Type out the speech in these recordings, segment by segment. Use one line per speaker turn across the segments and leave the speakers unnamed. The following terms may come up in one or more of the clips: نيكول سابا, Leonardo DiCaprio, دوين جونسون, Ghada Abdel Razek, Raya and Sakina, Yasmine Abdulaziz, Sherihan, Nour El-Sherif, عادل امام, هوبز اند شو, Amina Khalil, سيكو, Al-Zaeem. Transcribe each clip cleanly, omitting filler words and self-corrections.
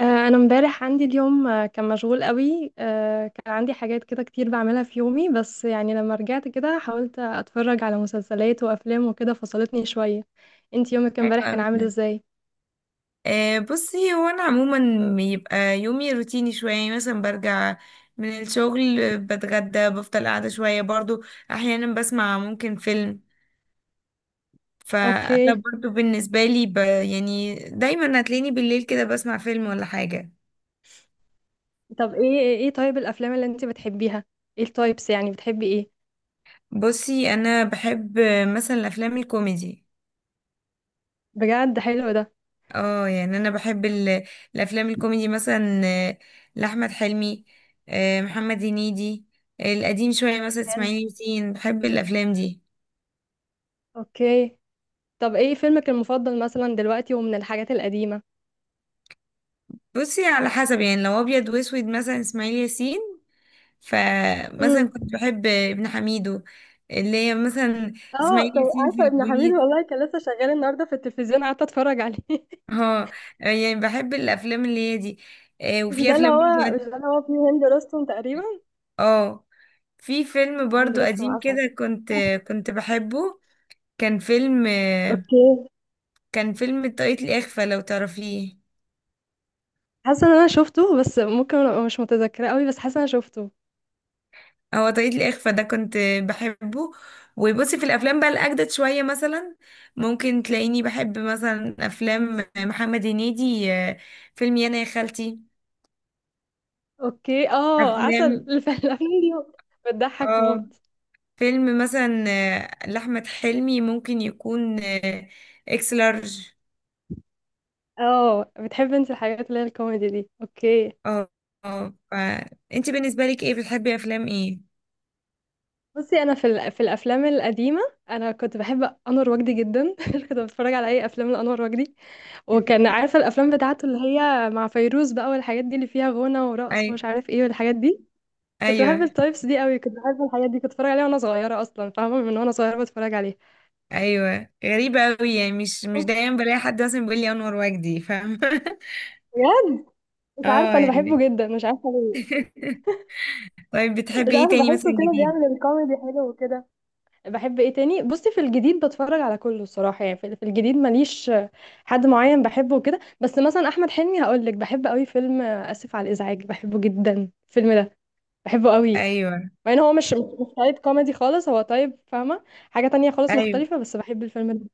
آه، انا امبارح عندي اليوم، كان مشغول قوي، كان عندي حاجات كده كتير بعملها في يومي، بس يعني لما رجعت كده حاولت اتفرج على مسلسلات وافلام وكده فصلتني شوية. انت يومك
حلو
امبارح كان
قوي
عامل
ده.
ازاي؟
بصي، هو انا عموما بيبقى يومي روتيني شويه. يعني مثلا برجع من الشغل، بتغدى، بفضل قاعده شويه برضو، احيانا بسمع ممكن فيلم. فانا
اوكي.
برضو بالنسبه لي يعني دايما هتلاقيني بالليل كده بسمع فيلم ولا حاجه.
طب ايه ايه إيه طيب الافلام اللي انت بتحبيها، ايه التايبس، يعني بتحبي ايه؟
بصي، انا بحب مثلا الافلام الكوميدي.
بجد حلو ده.
اه يعني انا بحب الافلام الكوميدي، مثلا لاحمد حلمي، محمد هنيدي، القديم شويه مثلا
حلو.
اسماعيل ياسين. بحب الافلام دي.
اوكي. طب ايه فيلمك المفضل مثلا دلوقتي ومن الحاجات القديمة؟
بصي على حسب، يعني لو ابيض واسود مثلا اسماعيل ياسين.
امم
فمثلا كنت بحب ابن حميدو، اللي هي مثلا
اه،
اسماعيل
طب
ياسين في
عارفة ابن حميد
البوليس.
والله كان لسه شغال النهارده في التلفزيون، قعدت اتفرج عليه.
اه، يعني بحب الافلام اللي هي دي.
مش
وفي
ده اللي
افلام
هو مش
برضو،
ده اللي هو فيه هند رستم تقريبا.
اه، في فيلم
هند
برضو
رستم
قديم
عسل.
كده كنت بحبه. كان فيلم،
اوكي.
كان فيلم طاقية الإخفاء، لو تعرفيه.
حاسه ان انا شفته، بس ممكن ابقى مش متذكره قوي، بس حاسه ان انا شفته.
هو طاقية الإخفاء ده كنت بحبه. وبصي في الأفلام بقى الأجدد شوية، مثلا ممكن تلاقيني بحب مثلا أفلام محمد هنيدي، فيلم يانا يا خالتي.
اوكي، اه عسل
أفلام،
الافلام دي بتضحك
اه،
موت.
فيلم مثلا لأحمد حلمي، ممكن يكون إكس لارج.
اه، بتحب انت الحاجات اللي هي الكوميدي دي. اوكي.
اه، اه. فأنت بالنسبة لك ايه؟ بتحبي أفلام ايه؟
بصي انا في الافلام القديمه، انا كنت بحب انور وجدي جدا كنت بتفرج على اي افلام لانور وجدي، وكان عارفه الافلام بتاعته اللي هي مع فيروز بقى والحاجات دي اللي فيها غنى ورقص
أي،
ومش عارف ايه والحاجات دي. كنت بحب
أيوه،
التايبس دي قوي، كنت بحب الحاجات دي، كنت بتفرج عليها وانا صغيره اصلا، فاهمه، من وانا صغيره بتفرج عليه.
ايوه. غريبة قوي، يعني مش
بس
دايما بلاقي حد مثلا بيقول لي انور وجدي، فاهم.
بجد مش
اه
عارفه انا بحبه
يعني.
جدا، مش عارفه ليه.
طيب
مش
بتحبي ايه
عارفه،
تاني مثلا
بحسه كده
جديد؟
بيعمل الكوميدي حلو وكده. بحب ايه تاني؟ بصي في الجديد بتفرج على كله الصراحه، يعني في الجديد ماليش حد معين بحبه وكده، بس مثلا احمد حلمي هقول لك بحب قوي فيلم اسف على الازعاج، بحبه جدا الفيلم ده، بحبه قوي.
ايوه،
مع ان هو مش تايب كوميدي خالص، هو تايب، فاهمه، حاجه تانية خالص
ايوه.
مختلفه، بس بحب الفيلم ده،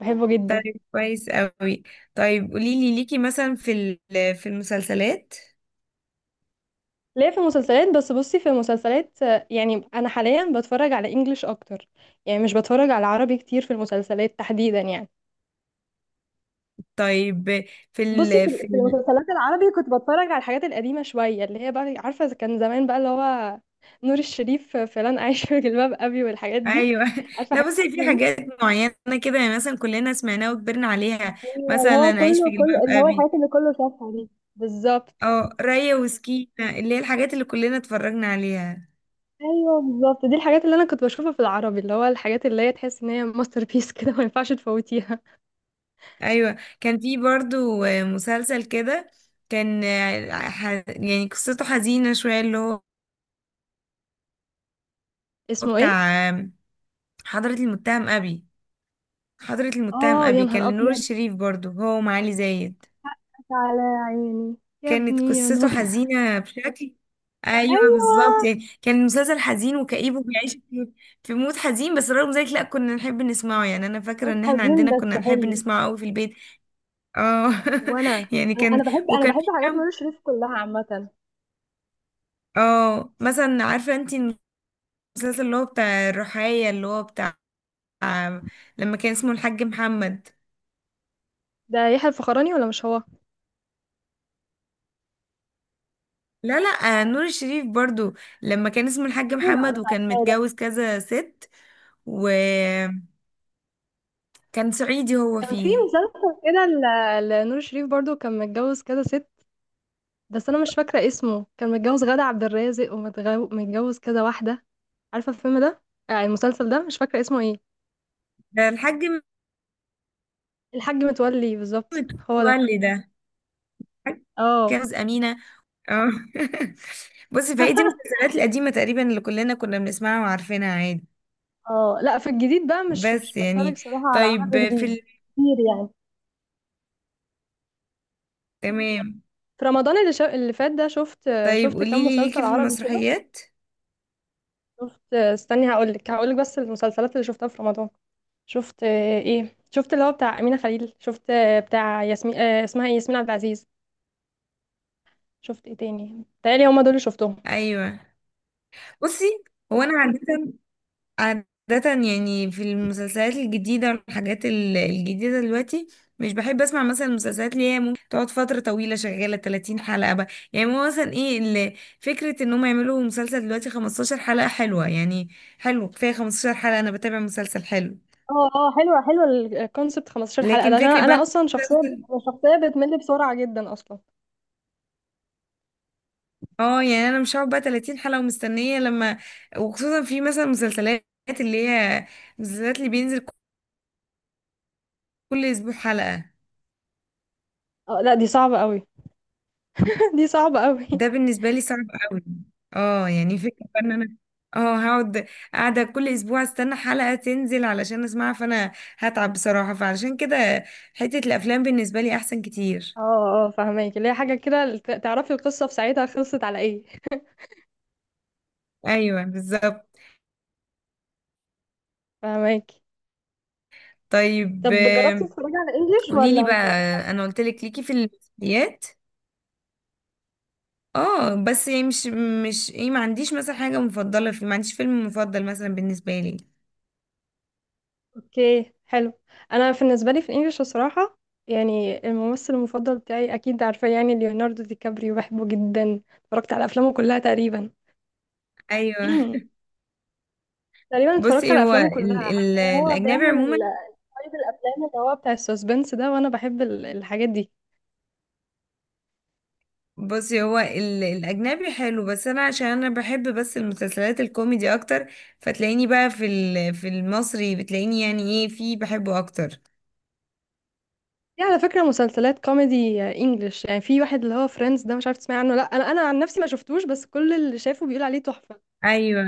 بحبه جدا.
طيب كويس قوي. طيب قولي لي، ليكي مثلا في في المسلسلات؟
ليه؟ في المسلسلات؟ بس بصي في المسلسلات، يعني انا حاليا بتفرج على انجليش اكتر، يعني مش بتفرج على عربي كتير في المسلسلات تحديدا يعني.
طيب في
بصي في
ال في
في
ال
المسلسلات العربي كنت بتفرج على الحاجات القديمة شوية اللي هي بقى، عارفة، إذا كان زمان بقى اللي هو نور الشريف، فلان عايش في جلباب ابي والحاجات دي،
ايوه.
عارفة
لا
حاجات
بصي في
القديمة دي.
حاجات معينه كده، يعني مثلا كلنا سمعناها وكبرنا عليها،
ايوه، اللي
مثلا
هو
اعيش
كله
في جلباب
كله اللي هو
ابي.
الحاجات اللي كله شافها دي. بالظبط.
اه، ريا وسكينه، اللي هي الحاجات اللي كلنا اتفرجنا عليها.
ايوه بالظبط، دي الحاجات اللي انا كنت بشوفها في العربي، اللي هو الحاجات اللي هي تحس ان هي ماستر بيس كده ما ينفعش تفوتيها.
ايوه كان في برضو مسلسل كده، كان، يعني قصته حزينة شوية، اللي هو
اسمه
بتاع،
ايه؟
حضرة المتهم أبي. حضرة المتهم
اه، يا
أبي كان
نهار
لنور
ابيض،
الشريف برضو، هو ومعالي زايد.
على عيني، يا
كانت
ابني يا
قصته
نور.
حزينة بشكل. ايوه
ايوه.
بالظبط، يعني كان المسلسل حزين وكئيب وبيعيش في في مود حزين، بس رغم ذلك لا، كنا نحب نسمعه. يعني انا فاكرة
موت
ان احنا
حزين
عندنا
بس
كنا نحب
حلو.
نسمعه قوي في البيت. اه.
وانا
يعني
انا أنا
كان،
بحب انا
وكان
بحب
في
حاجات
كام.
نور الشريف كلها عامه.
اه مثلا عارفه انت المسلسل اللي هو بتاع الرحاية، اللي هو بتاع لما كان اسمه الحاج محمد؟
ده يحيى الفخراني ولا مش هو؟
لا نور الشريف برضو، لما كان اسمه الحاج
برضه، لا
محمد
مش
وكان
عارفه ده.
متجوز كذا ست. وكان صعيدي، هو
كان في
فيه.
مسلسل كده لنور الشريف برضو، كان متجوز كده ست، بس انا مش فاكره اسمه، كان متجوز غادة عبد الرازق ومتجوز كده واحده، عارفه الفيلم ده، المسلسل ده مش فاكره اسمه ايه.
ده الحاج
الحاج متولي بالظبط، هو ده.
متولي. ده الحاج
اه.
جوز أمينة. اه. بصي فهي دي المسلسلات القديمة تقريبا، اللي كلنا كنا بنسمعها وعارفينها عادي.
اه لا، في الجديد بقى مش
بس
بتفرج
يعني
صراحة على
طيب
عربي جديد كتير يعني.
تمام.
في رمضان اللي فات ده شفت
طيب
شفت كام
قوليلي،
مسلسل
ليكي في
عربي كده.
المسرحيات؟
شفت، استني، هقولك بس المسلسلات اللي شفتها في رمضان: شفت ايه، شفت اللي هو بتاع أمينة خليل، شفت بتاع ياسمين، اسمها ايه، ياسمين عبد العزيز، شفت ايه تاني، بتهيألي هما دول اللي شفتهم.
ايوه. بصي هو انا عادة يعني في المسلسلات الجديدة والحاجات الجديدة دلوقتي، مش بحب اسمع مثلا المسلسلات اللي هي ممكن تقعد فترة طويلة شغالة 30 حلقة بقى. يعني هو مثلا ايه فكرة ان هم يعملوا مسلسل دلوقتي 15 حلقة، حلوة يعني. حلو كفاية 15 حلقة انا بتابع مسلسل حلو.
اه اه، حلوة حلوة. الكونسبت 15 حلقة ده،
لكن
عشان
فكرة
انا
بقى
اصلا شخصية،
مسلسل،
شخصية بتمل بسرعة جدا اصلا.
اه، يعني انا مش هقعد بقى 30 حلقة ومستنية لما. وخصوصا في مثلا مسلسلات اللي هي مسلسلات اللي بينزل كل اسبوع حلقة.
اه لا دي صعبة قوي دي صعبة قوي.
ده بالنسبة لي صعب قوي. اه يعني فكرة ان انا اه هقعد قاعدة كل اسبوع استنى حلقة تنزل علشان اسمعها، فانا هتعب بصراحة. فعلشان كده حتة الافلام بالنسبة لي احسن كتير.
اه اه فهماكي، اللي هي حاجة كده تعرفي القصة في ساعتها خلصت على ايه.
ايوه بالظبط.
فهماكي.
طيب،
طب جربتي
آم،
تتفرجي على انجليش ولا
قوليلي
ما
بقى،
بتتفرجيش على
انا
انجليش؟
قلت لك ليكي في المسلسلات. اه بس يعني مش ما عنديش مثلا حاجة مفضلة، في ما عنديش فيلم مفضل مثلا بالنسبة لي.
اوكي حلو. انا بالنسبة لي في الانجليش الصراحة، يعني الممثل المفضل بتاعي اكيد عارفاه يعني ليوناردو دي كابريو، بحبه جدا، اتفرجت على افلامه كلها تقريبا.
ايوه.
تقريبا اتفرجت
بصي
على
هو
افلامه
ال
كلها حرفيا،
ال
هو
الاجنبي
بيعمل
عموما،
طيب الافلام اللي هو بتاع السسبنس ده وانا بحب الحاجات دي.
بصي هو الاجنبي حلو، بس انا عشان انا بحب بس المسلسلات الكوميدي اكتر. فتلاقيني بقى في في المصري بتلاقيني يعني ايه في بحبه اكتر.
في على فكرة مسلسلات كوميدي انجلش، يعني في واحد اللي هو فريندز ده، مش عارف تسمعي عنه، لا انا عن نفسي ما شفتوش، بس كل اللي شافه بيقول عليه تحفة.
ايوه،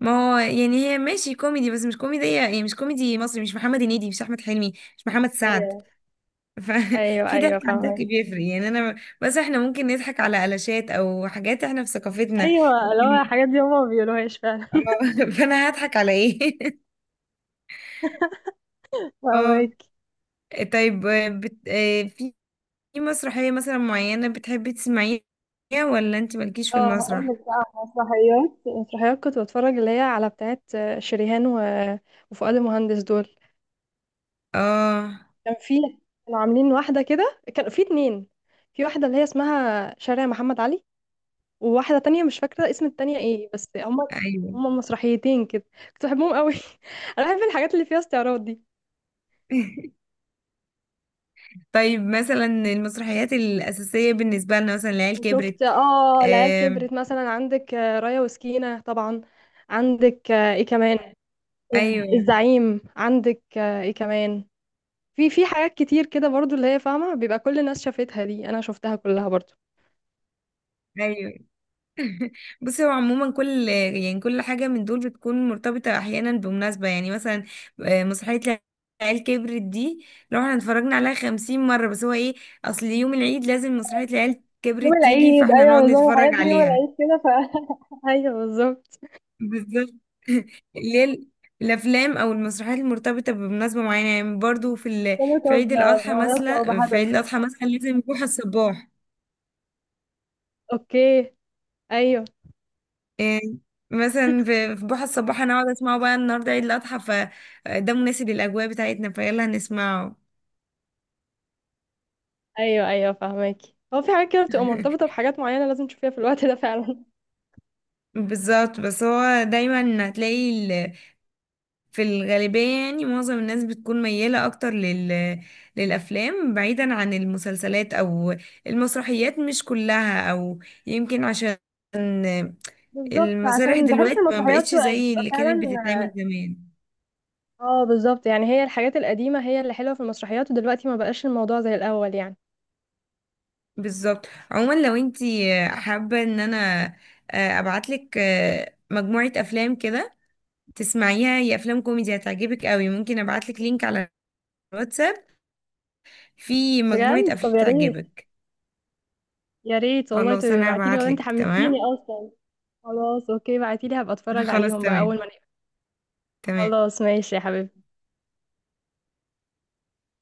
ما هو يعني هي ماشي كوميدي بس مش كوميدية، يعني مش كوميدي مصري، مش محمد هنيدي، مش احمد حلمي، مش محمد سعد.
ايوه ايوه
ففي
ايوه
ضحك عن ضحك
فاهمك.
بيفرق يعني انا. بس احنا ممكن نضحك على قلاشات او حاجات احنا في ثقافتنا.
ايوه، اللي هو
لكن
الحاجات دي هما ما بيقولوهاش فعلا
اه فانا هضحك على ايه؟ اه.
فاهمك.
طيب بت... آه، في في مسرحية مثلا معينة بتحبي تسمعيها، ولا انت مالكيش في
اه، هقول
المسرح؟
لك بقى على مسرحيات، مسرحيات كنت بتفرج اللي هي على بتاعت شريهان وفؤاد المهندس دول.
اه،
كان في كانوا عاملين واحدة كده، كان في اتنين، في واحدة اللي هي اسمها شارع محمد علي، وواحدة تانية مش فاكرة اسم التانية ايه، بس هما
ايوه.
هما مسرحيتين كده، كنت بحبهم قوي انا بحب الحاجات اللي فيها استعراض دي.
طيب مثلا المسرحيات الأساسية بالنسبة لنا، مثلا العيال
وشفت
كبرت.
اه العيال كبرت
آم،
مثلا، عندك رايا وسكينة طبعا، عندك ايه كمان،
ايوه
الزعيم، عندك ايه كمان، في حاجات كتير كده برضو اللي هي فاهمة بيبقى كل الناس شافتها دي، انا شفتها كلها برضو.
ايوه. بصي هو عموما كل يعني كل حاجة من دول بتكون مرتبطة احيانا بمناسبة. يعني مثلا مسرحية العيال كبرت دي لو احنا اتفرجنا عليها 50 مرة، بس هو ايه، اصل يوم العيد لازم مسرحية العيال
يوم
كبرت تيجي،
العيد،
فاحنا
ايوه
نقعد
بالظبط الحاجات
نتفرج
دي يوم
عليها.
العيد كده ايوه بالظبط.
بالظبط. اللي هي الافلام او المسرحيات المرتبطه بمناسبه معينه. يعني برضو في في
مرتبطة
عيد الاضحى
بمناسبة او
مثلا، في
بهدف.
عيد الاضحى مثلا لازم بوحه الصباح.
اوكي. ايوه
إيه، مثلا في في بوحه الصباح انا اقعد اسمعه بقى النهارده عيد الاضحى، فده مناسب للاجواء بتاعتنا، فيلا نسمعه.
ايوه ايوه فاهماكي، هو في حاجات كده بتبقى مرتبطه بحاجات معينه، لازم تشوفيها في الوقت ده فعلا
بالظبط. بس هو دايما هتلاقي في الغالبية، يعني معظم الناس بتكون ميالة أكتر للأفلام، بعيدا عن المسلسلات أو المسرحيات، مش كلها. أو يمكن عشان
بالظبط،
المسارح
عشان بحس
دلوقتي ما
المسرحيات
بقتش زي
بتبقى
اللي
فعلا.
كانت بتتعمل زمان.
اه بالظبط، يعني هي الحاجات القديمه هي اللي حلوه في المسرحيات، ودلوقتي ما بقاش الموضوع زي الاول يعني.
بالظبط. عموما لو انتي حابة ان انا ابعتلك مجموعة افلام كده تسمعيها، هي افلام كوميدي هتعجبك قوي. ممكن ابعتلك لينك على الواتساب، في مجموعة
بجد؟
افلام
طب يا ريت،
تعجبك.
يا ريت والله
خلاص
تبقي
انا
ابعتيلي، والله انت
هبعتلك،
حمستيني
تمام.
اصلا. خلاص اوكي بعتيلي، هبقى اتفرج
خلاص،
عليهم بقى
تمام
اول ما نقفل.
تمام.
خلاص ماشي يا حبيبتي.